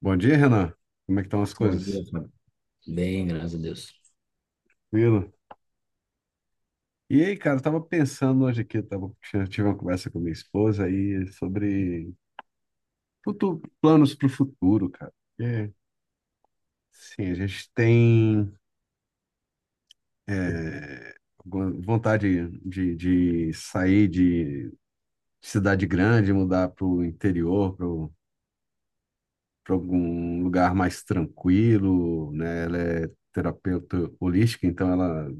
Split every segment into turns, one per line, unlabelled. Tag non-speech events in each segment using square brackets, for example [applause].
Bom dia, Renan. Como é que estão as
Bom
coisas?
dia, Fábio. Bem, graças a Deus.
Tranquilo? E aí, cara, eu tava pensando hoje aqui, tive uma conversa com minha esposa aí sobre planos para o futuro, cara. É, sim, a gente tem alguma vontade de sair de cidade grande, mudar para o interior, para algum lugar mais tranquilo, né? Ela é terapeuta holística, então ela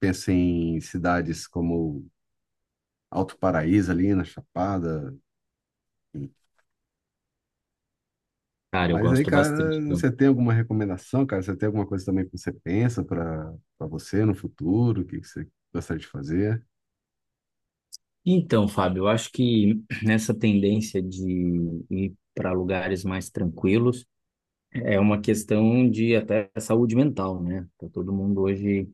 pensa em cidades como Alto Paraíso ali na Chapada.
Cara, eu
Mas aí,
gosto
cara,
bastante.
você tem alguma recomendação, cara? Você tem alguma coisa também que você pensa para você no futuro? O que que você gostaria de fazer?
Então, Fábio, eu acho que nessa tendência de ir para lugares mais tranquilos é uma questão de até saúde mental, né? Tá todo mundo hoje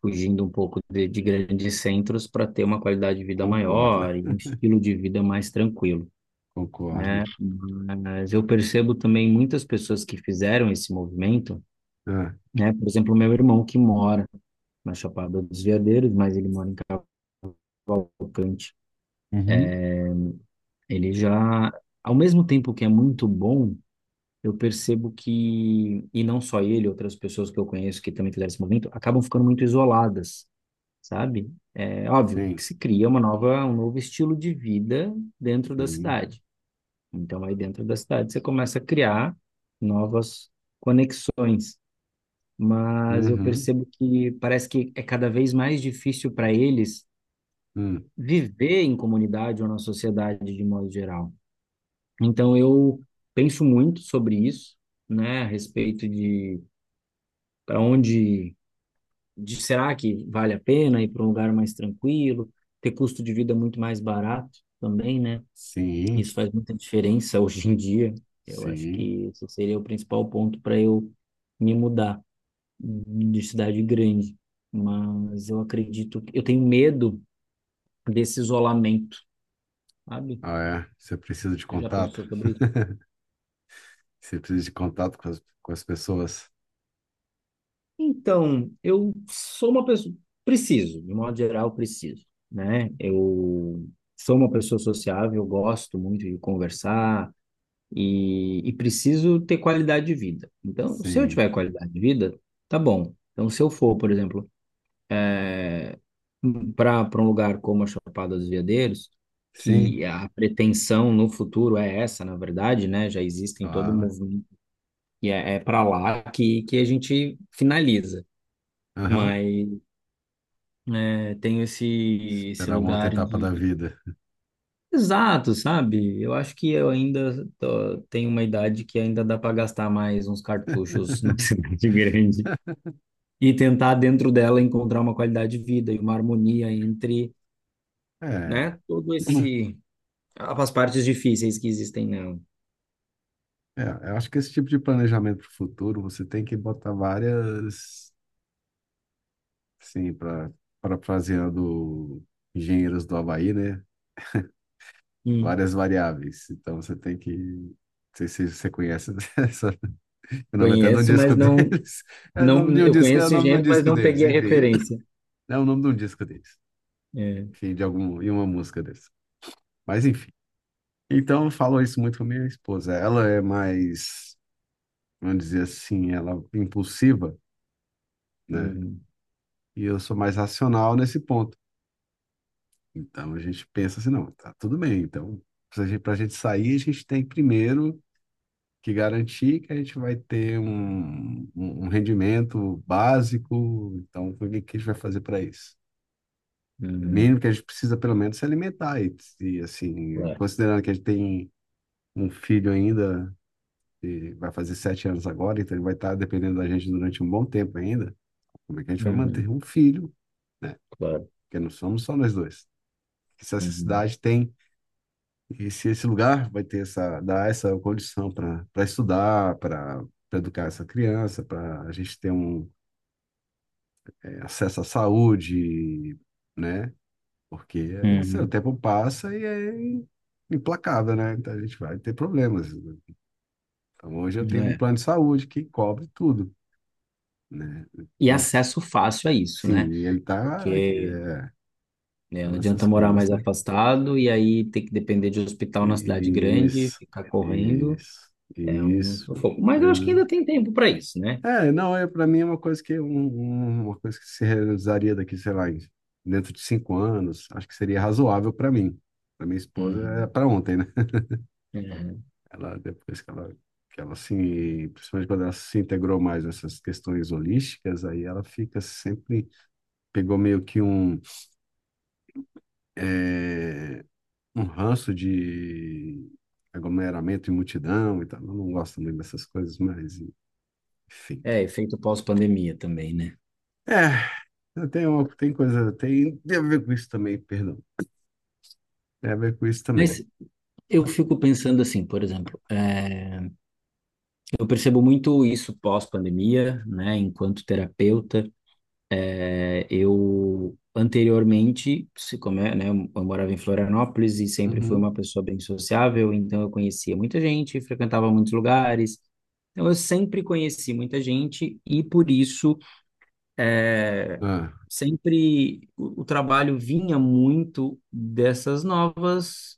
fugindo um pouco de grandes centros para ter uma qualidade de vida
Concordo,
maior e um estilo de vida mais tranquilo,
[laughs] concordo.
né? Mas eu percebo também muitas pessoas que fizeram esse movimento,
Ah,
né? Por exemplo, meu irmão que mora na Chapada dos Veadeiros, mas ele mora em Cavalcante.
uhum,
Ele já, ao mesmo tempo que é muito bom, eu percebo que, e não só ele, outras pessoas que eu conheço que também fizeram esse movimento, acabam ficando muito isoladas, sabe? É óbvio que
sim,
se cria uma nova, um novo estilo de vida dentro da
sim.
cidade. Então, aí dentro da cidade você começa a criar novas conexões, mas eu
Uhum,
percebo que parece que é cada vez mais difícil para eles
hum,
viver em comunidade ou na sociedade de modo geral. Então eu penso muito sobre isso, né, a respeito de para onde de será que vale a pena ir para um lugar mais tranquilo, ter custo de vida muito mais barato também, né?
sim,
Isso faz muita diferença [laughs] hoje em dia. Eu acho
sim.
que esse seria o principal ponto para eu me mudar de cidade grande. Mas eu acredito que eu tenho medo desse isolamento, sabe?
Ah, é. Você precisa de
Você já
contato?
pensou sobre isso?
Você precisa de contato com as pessoas?
Então, eu sou uma pessoa, preciso, de modo geral, preciso, né? Eu sou uma pessoa sociável, eu gosto muito de conversar e preciso ter qualidade de vida. Então, se eu
Sim,
tiver qualidade de vida, tá bom. Então, se eu for, por exemplo, para um lugar como a Chapada dos Veadeiros,
sim,
que a pretensão no futuro é essa, na verdade, né? Já existem todo um
claro.
movimento e é para lá que a gente finaliza.
Aham.
Mas tenho esse, esse
Esperar uma outra
lugar
etapa da
de.
vida.
Exato, sabe? Eu acho que eu ainda tenho uma idade que ainda dá para gastar mais uns cartuchos numa [laughs] cidade grande e tentar, dentro dela, encontrar uma qualidade de vida e uma harmonia entre,
É.
né, todo
[clears throat]
esse. As partes difíceis que existem nela.
É, eu acho que esse tipo de planejamento para o futuro, você tem que botar várias, sim, para parafraseando engenheiros do Havaí, né?
Hum.
Várias variáveis. Então você tem que. Não sei se você conhece [laughs] essa. O nome até de um
Conheço,
disco
mas não,
deles. É o nome
não.
de um
Eu
disco, é
conheço
o
esse
nome de um
gênero, mas
disco
não
deles,
peguei a
enfim.
referência.
É o nome de um disco deles.
É.
Enfim, de algum, e uma música deles. Mas enfim. Então eu falo isso muito com minha esposa. Ela é mais, vamos dizer assim, ela é impulsiva, né?
Uhum,
E eu sou mais racional nesse ponto. Então a gente pensa assim, não, tá tudo bem. Então, para a gente pra gente sair, a gente tem primeiro que garantir que a gente vai ter um rendimento básico. Então, o que que a gente vai fazer para isso? O
uhum,
mínimo que a gente precisa, pelo menos, se alimentar. E, assim,
claro.
considerando que a gente tem um filho ainda, que vai fazer 7 anos agora, então ele vai estar dependendo da gente durante um bom tempo ainda. Como é que a gente vai manter
Uhum,
um filho, né?
claro.
Porque não somos só nós dois. Se essa
Uhum,
cidade tem. E se esse lugar vai ter essa, dar essa condição para estudar, para educar essa criança, para a gente ter um acesso à saúde, né? Porque esse, o
uhum.
tempo passa e é implacável, né? Então a gente vai ter problemas. Então hoje eu tenho um plano de saúde que cobre tudo, né?
E
E,
acesso fácil a isso, né?
sim, ele tá aqui,
Porque,
é,
né, não
então essas
adianta morar
coisas,
mais
né?
afastado e aí ter que depender de hospital na cidade grande,
Isso,
ficar correndo,
isso,
é um
isso.
sufoco. Mas eu acho que ainda tem tempo para isso, né?
É, não, é, para mim é uma coisa que uma coisa que se realizaria daqui, sei lá, em- dentro de 5 anos, acho que seria razoável para mim. Para minha esposa é
Uhum,
para ontem, né? [laughs]
uhum.
Ela depois que ela se, principalmente quando ela se integrou mais nessas questões holísticas, aí ela fica sempre pegou meio que um é, um ranço de aglomeramento e multidão e tal. Eu não gosto muito dessas coisas, mas enfim.
É, efeito pós-pandemia também, né?
É, tem, tem coisa, tem, tem a ver com isso também, perdão. Tem a ver com isso também.
Mas eu fico pensando assim, por exemplo, eu percebo muito isso pós-pandemia, né? Enquanto terapeuta, eu anteriormente, se como é, né, eu morava em Florianópolis e sempre fui
Uhum.
uma pessoa bem sociável, então eu conhecia muita gente, frequentava muitos lugares. Então eu sempre conheci muita gente e por isso é,
Ah,
sempre o trabalho vinha muito dessas novas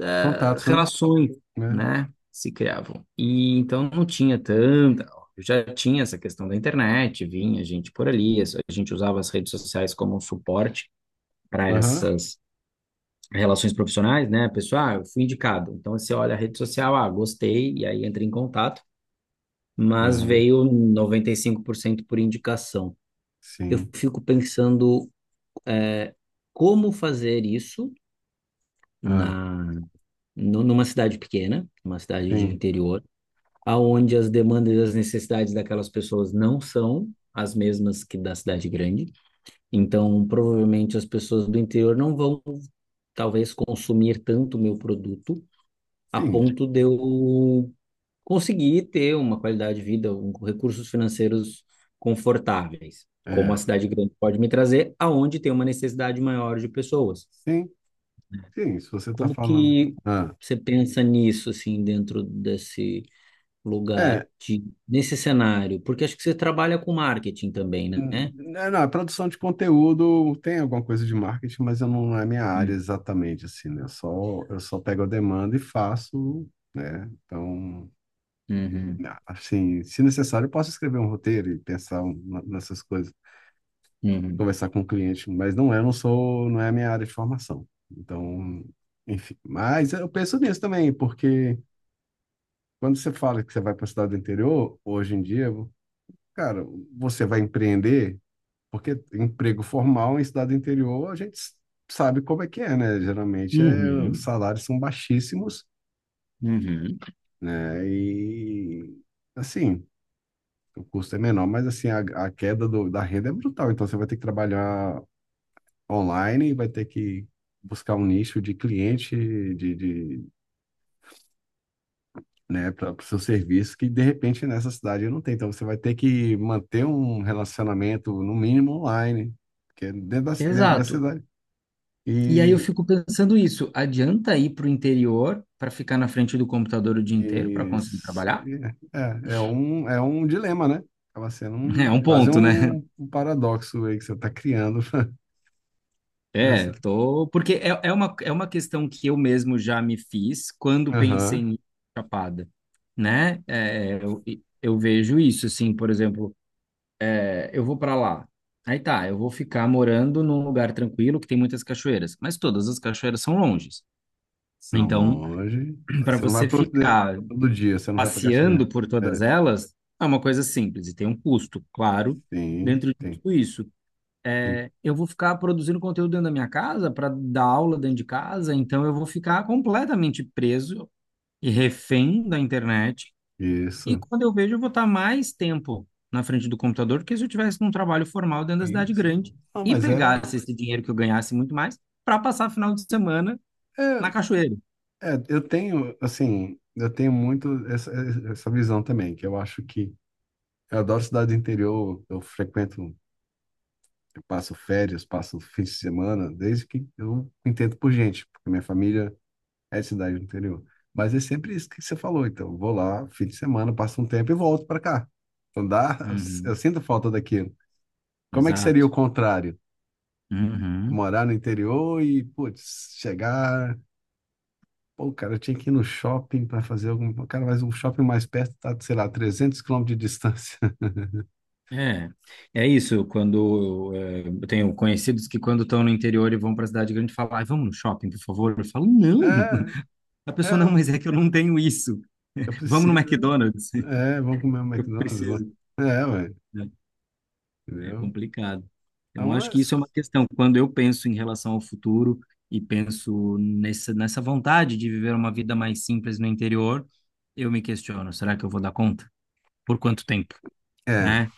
contatos, né?
relações,
Né?
né, se criavam. E então não tinha tanta. Eu já tinha essa questão da internet, vinha gente por ali, a gente usava as redes sociais como um suporte para
Aham,
essas relações profissionais, né? Pessoal, ah, eu fui indicado. Então você olha a rede social, ah, gostei, e aí entra em contato, mas
aham,
veio 95% por cento por indicação. Eu
sim.
fico pensando, eh, como fazer isso
Ah,
na numa cidade pequena, numa cidade de
sim,
interior, aonde as demandas e as necessidades daquelas pessoas não são as mesmas que da cidade grande. Então, provavelmente as pessoas do interior não vão, talvez, consumir tanto o meu produto a
sim,
ponto de eu conseguir ter uma qualidade de vida, recursos financeiros confortáveis, como a
é.
cidade grande pode me trazer, aonde tem uma necessidade maior de pessoas.
Sim, sim, se você está
Como
falando.
que
Ah,
você pensa nisso, assim, dentro desse lugar
é,
de, nesse cenário? Porque acho que você trabalha com marketing também, né?
não, a produção de conteúdo tem alguma coisa de marketing, mas eu não, não é minha área
Hum.
exatamente, assim, né? Eu só pego a demanda e faço, né? Então,
Uhum,
assim, se necessário, eu posso escrever um roteiro e pensar nessas coisas.
uhum,
Conversar com o cliente, mas não é, eu não sou, não é a minha área de formação. Então, enfim, mas eu penso nisso também, porque quando você fala que você vai para a cidade do interior, hoje em dia, cara, você vai empreender, porque emprego formal em cidade do interior, a gente sabe como é que é, né? Geralmente é, os
uhum,
salários são baixíssimos,
uhum.
né? E assim, o custo é menor, mas assim, a queda do, da renda é brutal, então você vai ter que trabalhar online e vai ter que buscar um nicho de cliente de né, para o seu serviço que de repente nessa cidade não tem. Então você vai ter que manter um relacionamento no mínimo online, que é dentro da
Exato.
cidade.
E aí eu
E
fico pensando isso, adianta ir para o interior para ficar na frente do computador o dia inteiro para
e
conseguir
isso
trabalhar?
é, é um um dilema, né? Acaba sendo
[laughs] É um
um, quase
ponto, né?
um, um paradoxo aí que você está criando [laughs]
É,
nessa.
tô. Porque é uma questão que eu mesmo já me fiz quando pensei
Aham.
em ir pra Chapada, né? É, eu vejo isso, assim, por exemplo. Eu vou para lá. Aí tá, eu vou ficar morando num lugar tranquilo que tem muitas cachoeiras, mas todas as cachoeiras são longes.
São
Então,
longe.
[clears throat] para
Você não vai
você
pro,
ficar
todo dia, você não vai para Caxias.
passeando por todas
É.
elas, é uma coisa simples e tem um custo, claro,
Sim,
dentro de
tem,
tudo isso.
tem.
É, eu vou ficar produzindo conteúdo dentro da minha casa para dar aula dentro de casa, então eu vou ficar completamente preso e refém da internet e
Isso,
quando eu vejo, eu vou estar mais tempo na frente do computador do que se eu tivesse num trabalho formal dentro da cidade
isso.
grande
Ah,
e
mas é,
pegasse esse dinheiro que eu ganhasse muito mais para passar final de semana
é,
na cachoeira.
é, eu tenho, assim, eu tenho muito essa, essa visão também, que eu acho que eu adoro cidade do interior, eu frequento, eu passo férias, passo fins de semana, desde que eu entendo por gente, porque minha família é de cidade do interior. Mas é sempre isso que você falou, então, eu vou lá, fim de semana, passo um tempo e volto para cá. Então dá, eu
Uhum.
sinto falta daquilo. Como é que seria o
Exato.
contrário?
Uhum.
Morar no interior e, putz, chegar. Pô, cara, eu tinha que ir no shopping para fazer algum. Cara, mas um shopping mais perto tá, sei lá, 300 quilômetros de distância. [laughs]
É, é isso. Quando eu tenho conhecidos que quando estão no interior e vão para a cidade grande, falam, "Ai, vamos no shopping, por favor." Eu falo, não.
É,
[laughs] A pessoa, não,
é,
mas é que eu não tenho isso.
eu
[laughs] Vamos no
preciso.
McDonald's. [laughs]
É, é, vamos comer um
Eu
McDonald's. Vamos.
preciso.
É, ué,
É
entendeu?
complicado. Então,
Então,
acho que isso é uma questão. Quando eu penso em relação ao futuro e penso nessa vontade de viver uma vida mais simples no interior, eu me questiono, será que eu vou dar conta? Por quanto tempo?
é, é,
Né?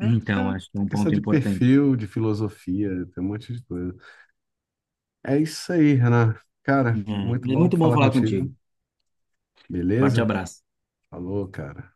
Então,
é
acho que é um
é questão
ponto
de
importante.
perfil, de filosofia, tem um monte de coisa. É isso aí, Renan.
É,
Cara, muito
mas
bom
muito bom
falar
falar
contigo.
contigo. Forte
Beleza?
abraço.
Falou, cara.